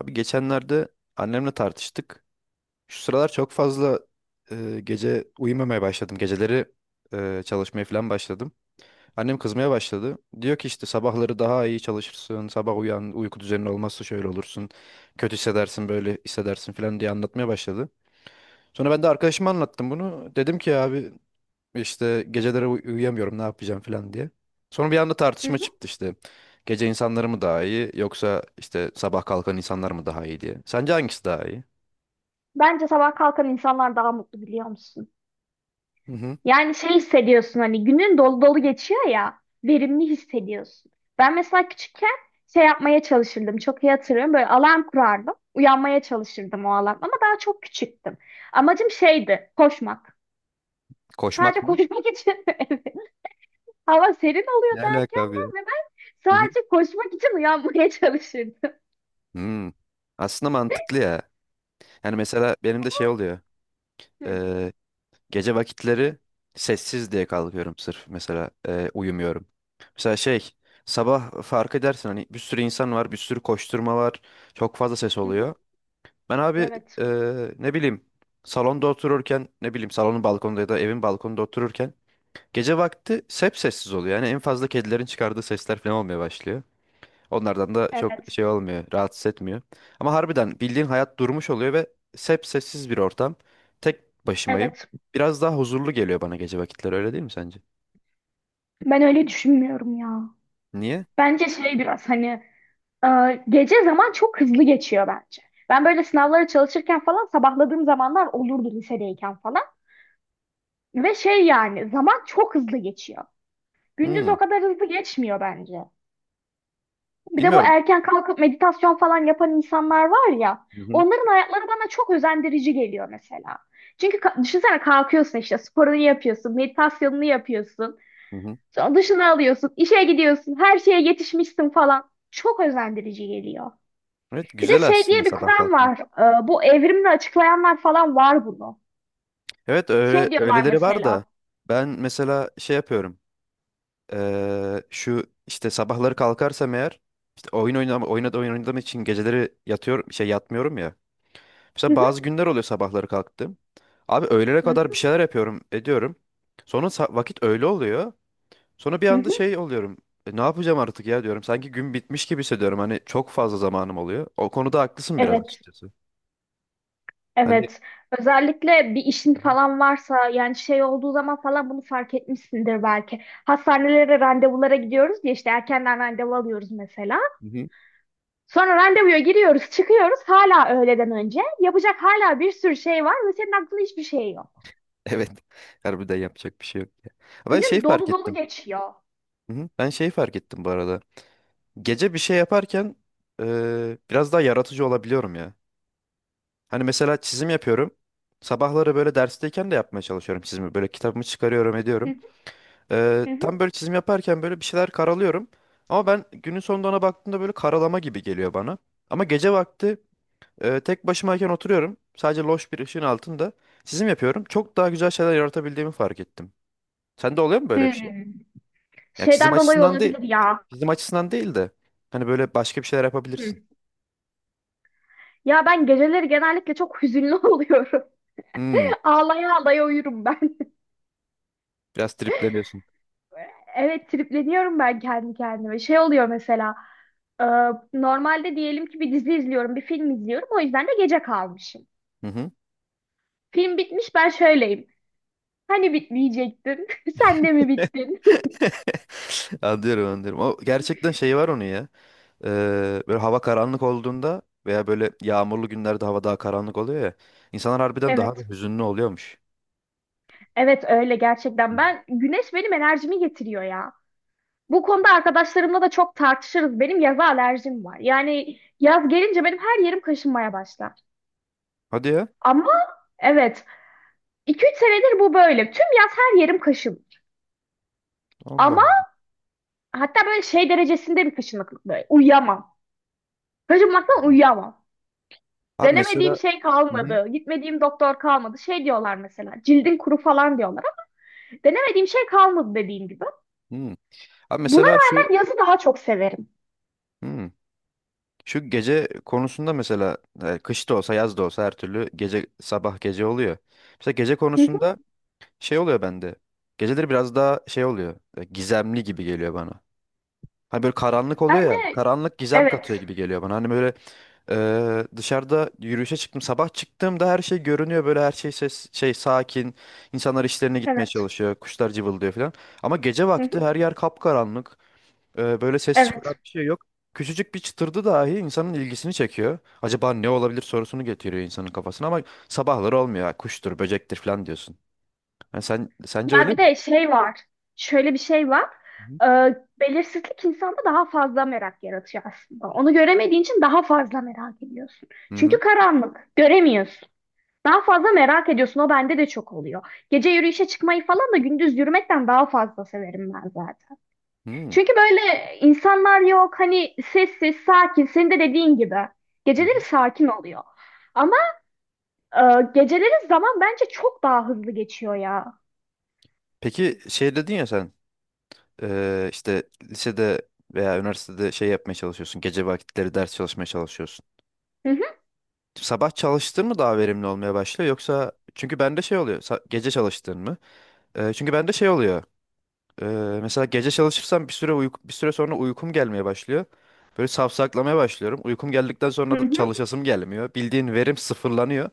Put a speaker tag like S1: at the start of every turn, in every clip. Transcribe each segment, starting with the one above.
S1: Abi geçenlerde annemle tartıştık. Şu sıralar çok fazla gece uyumamaya başladım. Geceleri çalışmaya falan başladım. Annem kızmaya başladı. Diyor ki işte sabahları daha iyi çalışırsın. Sabah uyan, uyku düzenin olmazsa şöyle olursun. Kötü hissedersin, böyle hissedersin falan diye anlatmaya başladı. Sonra ben de arkadaşıma anlattım bunu. Dedim ki abi işte geceleri uyuyamıyorum ne yapacağım falan diye. Sonra bir anda
S2: Hı
S1: tartışma
S2: hı.
S1: çıktı işte. Gece insanları mı daha iyi yoksa işte sabah kalkan insanlar mı daha iyi diye. Sence hangisi daha iyi?
S2: Bence sabah kalkan insanlar daha mutlu biliyor musun?
S1: Hı hı.
S2: Yani şey hissediyorsun hani günün dolu dolu geçiyor ya verimli hissediyorsun. Ben mesela küçükken şey yapmaya çalışırdım çok iyi hatırlıyorum böyle alarm kurardım uyanmaya çalışırdım o alarm ama daha çok küçüktüm. Amacım şeydi koşmak. Sadece
S1: Koşmak mı?
S2: koşmak için evet. Hava serin oluyor
S1: Ne alaka abi ya?
S2: erkenden ve ben
S1: Hı hı.
S2: sadece koşmak için uyanmaya çalışırdım.
S1: Hmm. Aslında mantıklı ya. Yani mesela benim de şey oluyor.
S2: Hı
S1: Ee, gece vakitleri sessiz diye kalkıyorum sırf mesela uyumuyorum. Mesela şey sabah fark edersin hani bir sürü insan var bir sürü koşturma var çok fazla ses
S2: hı.
S1: oluyor. Ben abi
S2: Evet.
S1: ne bileyim salonda otururken ne bileyim salonun balkonunda ya da evin balkonunda otururken gece vakti hep sessiz oluyor. Yani en fazla kedilerin çıkardığı sesler falan olmaya başlıyor. Onlardan da çok
S2: Evet.
S1: şey olmuyor, rahatsız etmiyor. Ama harbiden bildiğin hayat durmuş oluyor ve hep sessiz bir ortam. Tek başımayım.
S2: Evet.
S1: Biraz daha huzurlu geliyor bana gece vakitleri öyle değil mi sence?
S2: Ben öyle düşünmüyorum ya.
S1: Niye?
S2: Bence şey biraz hani e, gece zaman çok hızlı geçiyor bence. Ben böyle sınavlara çalışırken falan sabahladığım zamanlar olurdu lisedeyken falan. Ve şey yani zaman çok hızlı geçiyor. Gündüz
S1: Hmm,
S2: o kadar hızlı geçmiyor bence. Bir de bu
S1: bilmiyorum.
S2: erken kalkıp meditasyon falan yapan insanlar var ya.
S1: Hı hı,
S2: Onların hayatları bana çok özendirici geliyor mesela. Çünkü ka- düşünsene kalkıyorsun işte sporunu yapıyorsun, meditasyonunu yapıyorsun.
S1: hı hı.
S2: Sonra duşunu alıyorsun, işe gidiyorsun, her şeye yetişmişsin falan. Çok özendirici geliyor.
S1: Evet,
S2: Bir de
S1: güzel
S2: şey
S1: aslında
S2: diye bir
S1: sabah
S2: kuram
S1: kalkmak.
S2: var. Bu evrimini açıklayanlar falan var bunu.
S1: Evet öyle
S2: Şey diyorlar
S1: öyleleri var da
S2: mesela.
S1: ben mesela şey yapıyorum. Şu işte sabahları kalkarsam eğer işte oyun oynam oynadı oyun oynadığım için geceleri yatıyor şey yatmıyorum ya.
S2: Hı
S1: Mesela bazı
S2: hı,
S1: günler oluyor sabahları kalktım. Abi öğlene
S2: hı
S1: kadar bir
S2: hı,
S1: şeyler yapıyorum, ediyorum. Sonra vakit öğle oluyor. Sonra bir
S2: hı
S1: anda
S2: hı.
S1: şey oluyorum. "E, ne yapacağım artık ya diyorum. Sanki gün bitmiş gibi hissediyorum. Hani çok fazla zamanım oluyor. O konuda haklısın biraz
S2: Evet,
S1: açıkçası. Hani.
S2: evet. Özellikle bir işin falan varsa yani şey olduğu zaman falan bunu fark etmişsindir belki. Hastanelere randevulara gidiyoruz diye işte erkenden randevu alıyoruz mesela.
S1: Hı hı.
S2: Sonra randevuya giriyoruz, çıkıyoruz hala öğleden önce. Yapacak hala bir sürü şey var ve senin aklında hiçbir şey yok.
S1: Evet. Harbiden yapacak bir şey yok ya. Ben şey
S2: Günün
S1: fark
S2: dolu dolu
S1: ettim.
S2: geçiyor.
S1: Hı hı. Ben şey fark ettim bu arada. Gece bir şey yaparken biraz daha yaratıcı olabiliyorum ya. Hani mesela çizim yapıyorum. Sabahları böyle dersteyken de yapmaya çalışıyorum çizimi. Böyle kitabımı çıkarıyorum
S2: Hı
S1: ediyorum.
S2: hı, hı
S1: Tam
S2: hı.
S1: böyle çizim yaparken böyle bir şeyler karalıyorum. Ama ben günün sonunda ona baktığımda böyle karalama gibi geliyor bana. Ama gece vakti tek başımayken oturuyorum. Sadece loş bir ışığın altında çizim yapıyorum. Çok daha güzel şeyler yaratabildiğimi fark ettim. Sende oluyor mu böyle bir şey?
S2: Hmm.
S1: Yani çizim
S2: Şeyden dolayı
S1: açısından değil.
S2: olabilir ya.
S1: Çizim açısından değil de. Hani böyle başka bir şeyler
S2: Hı.
S1: yapabilirsin.
S2: Ya ben geceleri genellikle çok hüzünlü oluyorum.
S1: Hmm.
S2: Ağlaya ağlaya uyurum ben.
S1: Biraz tripleniyorsun.
S2: Evet tripleniyorum ben kendi kendime. Şey oluyor mesela e, normalde diyelim ki bir dizi izliyorum, bir film izliyorum. O yüzden de gece kalmışım.
S1: Hı hı.
S2: Film bitmiş ben şöyleyim. Hani bitmeyecektin? Sen de mi bittin?
S1: Anlıyorum anlıyorum. O gerçekten şey var onun ya. Böyle hava karanlık olduğunda veya böyle yağmurlu günlerde hava daha karanlık oluyor ya. İnsanlar harbiden daha da
S2: Evet.
S1: hüzünlü oluyormuş.
S2: Evet öyle gerçekten.
S1: Hı.
S2: Ben güneş benim enerjimi getiriyor ya. Bu konuda arkadaşlarımla da çok tartışırız. Benim yaza alerjim var. Yani yaz gelince benim her yerim kaşınmaya başlar.
S1: Hadi ya.
S2: Ama evet 2 üç senedir bu böyle. Tüm yaz her yerim kaşınır.
S1: Allah
S2: Ama hatta böyle şey derecesinde bir kaşınıklık böyle. Uyuyamam. Kaşınmaktan
S1: Allah.
S2: uyuyamam.
S1: Abi
S2: Denemediğim
S1: mesela.
S2: şey
S1: Hı hı.
S2: kalmadı. Gitmediğim doktor kalmadı. Şey diyorlar mesela. Cildin kuru falan diyorlar. Ama denemediğim şey kalmadı dediğim gibi.
S1: Hı. Abi
S2: Buna
S1: mesela şu.
S2: rağmen yazı daha çok severim.
S1: Hı. Şu gece konusunda mesela kış da olsa yaz da olsa her türlü gece sabah gece oluyor. Mesela gece
S2: Hı hı.
S1: konusunda şey oluyor bende. Geceleri biraz daha şey oluyor. Gizemli gibi geliyor bana. Hani böyle karanlık oluyor
S2: Ben
S1: ya.
S2: de
S1: Karanlık gizem katıyor
S2: evet.
S1: gibi geliyor bana. Hani böyle dışarıda yürüyüşe çıktım. Sabah çıktığımda her şey görünüyor. Böyle her şey ses, şey sakin. İnsanlar işlerine gitmeye
S2: Evet.
S1: çalışıyor. Kuşlar cıvıldıyor falan. Ama gece
S2: Hı
S1: vakti
S2: hı.
S1: her yer kapkaranlık. Böyle ses çıkaran
S2: Evet.
S1: bir şey yok. Küçücük bir çıtırdı dahi insanın ilgisini çekiyor. Acaba ne olabilir sorusunu getiriyor insanın kafasına ama sabahları olmuyor. Ha, kuştur, böcektir falan diyorsun. Yani sen sence
S2: Ya
S1: öyle
S2: bir
S1: mi?
S2: de şey var. Şöyle bir şey var. Belirsizlik insanda daha fazla merak yaratıyor aslında. Onu göremediğin için daha fazla merak ediyorsun.
S1: Hı hı.
S2: Çünkü karanlık, göremiyorsun. Daha fazla merak ediyorsun. O bende de çok oluyor. Gece yürüyüşe çıkmayı falan da gündüz yürümekten daha fazla severim ben zaten.
S1: Hı hı.
S2: Çünkü böyle insanlar yok. Hani sessiz, sakin. Senin de dediğin gibi.
S1: Hı hı.
S2: Geceleri sakin oluyor. Ama e, geceleri zaman bence çok daha hızlı geçiyor ya.
S1: Peki şey dedin ya sen işte lisede veya üniversitede şey yapmaya çalışıyorsun. Gece vakitleri ders çalışmaya çalışıyorsun.
S2: Hı hı,
S1: Sabah çalıştığın mı daha verimli olmaya başlıyor yoksa çünkü bende şey oluyor. Gece çalıştığın mı? Çünkü bende şey oluyor. eee, mesela gece çalışırsam bir süre sonra uykum gelmeye başlıyor. Böyle safsaklamaya başlıyorum. Uykum geldikten
S2: hı
S1: sonra da
S2: hı,
S1: çalışasım gelmiyor. Bildiğin verim sıfırlanıyor.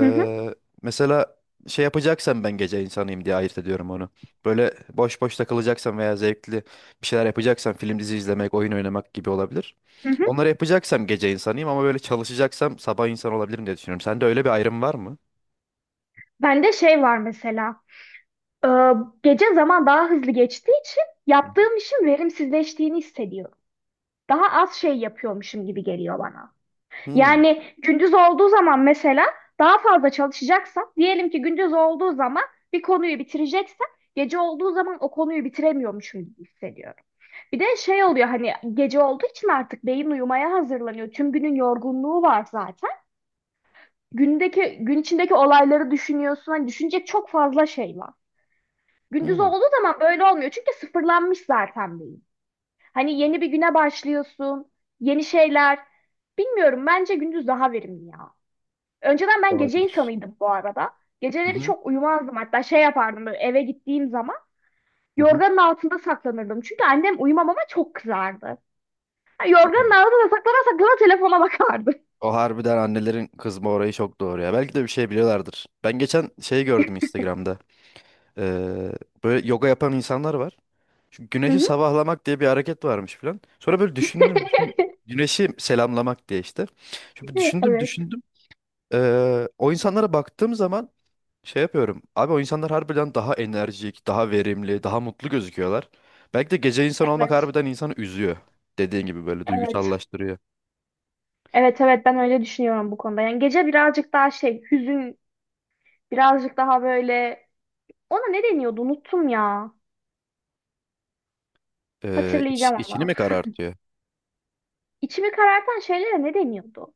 S2: hı hı.
S1: mesela şey yapacaksan ben gece insanıyım diye ayırt ediyorum onu. Böyle boş boş takılacaksan veya zevkli bir şeyler yapacaksan film dizi izlemek, oyun oynamak gibi olabilir.
S2: Hı hı.
S1: Onları yapacaksam gece insanıyım ama böyle çalışacaksam sabah insan olabilirim diye düşünüyorum. Sende öyle bir ayrım var mı?
S2: Bende şey var mesela. e, Gece zaman daha hızlı geçtiği için
S1: Hı hı.
S2: yaptığım işin verimsizleştiğini hissediyorum. Daha az şey yapıyormuşum gibi geliyor bana.
S1: Hmm,
S2: Yani gündüz olduğu zaman mesela daha fazla çalışacaksam, diyelim ki gündüz olduğu zaman bir konuyu bitireceksem, gece olduğu zaman o konuyu bitiremiyormuşum gibi hissediyorum. Bir de şey oluyor hani gece olduğu için artık beyin uyumaya hazırlanıyor. Tüm günün yorgunluğu var zaten. Gündeki gün içindeki olayları düşünüyorsun. Hani düşünecek çok fazla şey var. Gündüz
S1: hmm.
S2: olduğu zaman böyle olmuyor. Çünkü sıfırlanmış zaten beyin. Hani yeni bir güne başlıyorsun. Yeni şeyler. Bilmiyorum bence gündüz daha verimli ya. Önceden ben gece
S1: Olabilir.
S2: insanıydım bu arada.
S1: Hı
S2: Geceleri
S1: hı.
S2: çok uyumazdım. Hatta şey yapardım böyle eve gittiğim zaman
S1: Hı hı.
S2: yorganın altında saklanırdım. Çünkü annem uyumamama çok kızardı. Ha,
S1: Hadi
S2: yorganın
S1: ya.
S2: altında saklana saklana telefona bakardı.
S1: O harbiden annelerin kızma orayı çok doğru ya. Belki de bir şey biliyorlardır. Ben geçen şey gördüm Instagram'da. Eee, böyle yoga yapan insanlar var. Çünkü
S2: Hı
S1: güneşi
S2: hı.
S1: sabahlamak diye bir hareket varmış falan. Sonra böyle düşündüm, güneşi selamlamak diye işte. Şimdi
S2: Evet,
S1: düşündüm,
S2: evet,
S1: düşündüm. O insanlara baktığım zaman şey yapıyorum. Abi o insanlar harbiden daha enerjik, daha verimli, daha mutlu gözüküyorlar. Belki de gece insan olmak harbiden insanı üzüyor. Dediğin gibi böyle
S2: evet.
S1: duygusallaştırıyor.
S2: Evet, evet ben öyle düşünüyorum bu konuda. Yani gece birazcık daha şey, hüzün birazcık daha böyle. Ona ne deniyordu? Unuttum ya. Hatırlayacağım
S1: İçini
S2: ama.
S1: mi karartıyor?
S2: İçimi karartan şeylere ne deniyordu?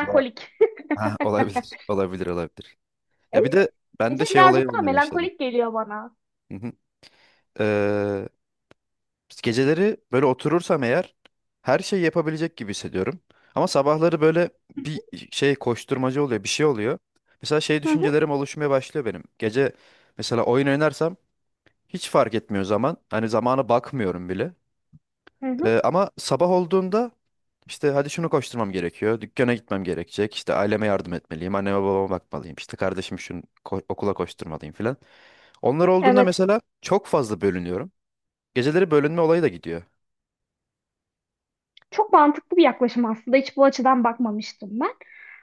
S1: Valla- Ha, olabilir, olabilir, olabilir. Ya bir de bende
S2: Ece
S1: şey olayı
S2: birazcık daha
S1: olmaya başladı.
S2: melankolik geliyor bana.
S1: Hı hı. Ee, Geceleri böyle oturursam eğer her şeyi yapabilecek gibi hissediyorum. Ama sabahları böyle bir şey koşturmaca oluyor, bir şey oluyor. Mesela şey
S2: Hı hı,
S1: düşüncelerim oluşmaya başlıyor benim. Gece mesela oyun oynarsam hiç fark etmiyor zaman. Hani zamana bakmıyorum bile.
S2: hı hı.
S1: Ama sabah olduğunda işte hadi şunu koşturmam gerekiyor. Dükkana gitmem gerekecek. İşte aileme yardım etmeliyim. Anneme babama bakmalıyım. İşte kardeşim şunu okula koşturmalıyım filan. Onlar olduğunda
S2: Evet.
S1: mesela çok fazla bölünüyorum. Geceleri bölünme olayı da gidiyor.
S2: Çok mantıklı bir yaklaşım aslında. Hiç bu açıdan bakmamıştım ben.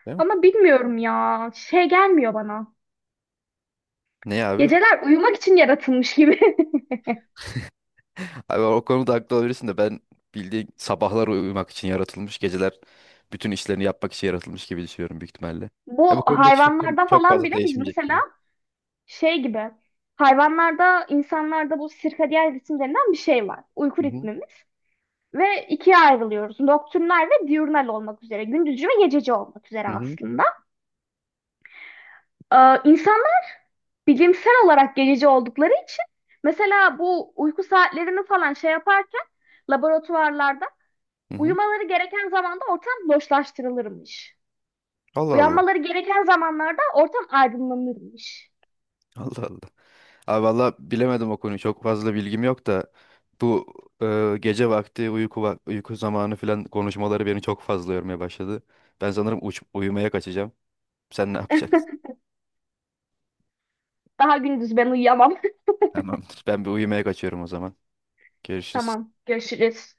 S1: Değil mi?
S2: Ama bilmiyorum ya. Şey gelmiyor bana.
S1: Ne abi?
S2: Geceler uyumak için yaratılmış gibi.
S1: Abi o konuda haklı olabilirsin de ben bildiğin sabahlar uyumak için yaratılmış, geceler bütün işlerini yapmak için yaratılmış gibi düşünüyorum büyük ihtimalle. Ya bu
S2: Bu
S1: konudaki fikrim
S2: hayvanlarda
S1: çok
S2: falan
S1: fazla
S2: bile biz
S1: değişmeyecek
S2: mesela
S1: gibi.
S2: şey gibi. Hayvanlarda, insanlarda bu sirkadiyen ritim denilen bir şey var. Uyku
S1: Hı hı.
S2: ritmimiz. Ve ikiye ayrılıyoruz. Nocturnal ve diurnal olmak üzere. Gündüzcü ve gececi olmak üzere
S1: Hı hı.
S2: aslında. İnsanlar bilimsel olarak gececi oldukları için mesela bu uyku saatlerini falan şey yaparken laboratuvarlarda
S1: Hı hı.
S2: uyumaları gereken zamanda ortam loşlaştırılırmış.
S1: Allah Allah.
S2: Uyanmaları gereken zamanlarda ortam aydınlanırmış.
S1: Allah Allah. Abi valla bilemedim o konuyu. Çok fazla bilgim yok da bu gece vakti uyku uyku zamanı falan konuşmaları beni çok fazla yormaya başladı. Ben sanırım uyumaya kaçacağım. Sen ne yapacaksın?
S2: Daha gündüz ben uyuyamam.
S1: Tamamdır. Ben bir uyumaya kaçıyorum o zaman. Görüşürüz.
S2: Tamam, görüşürüz.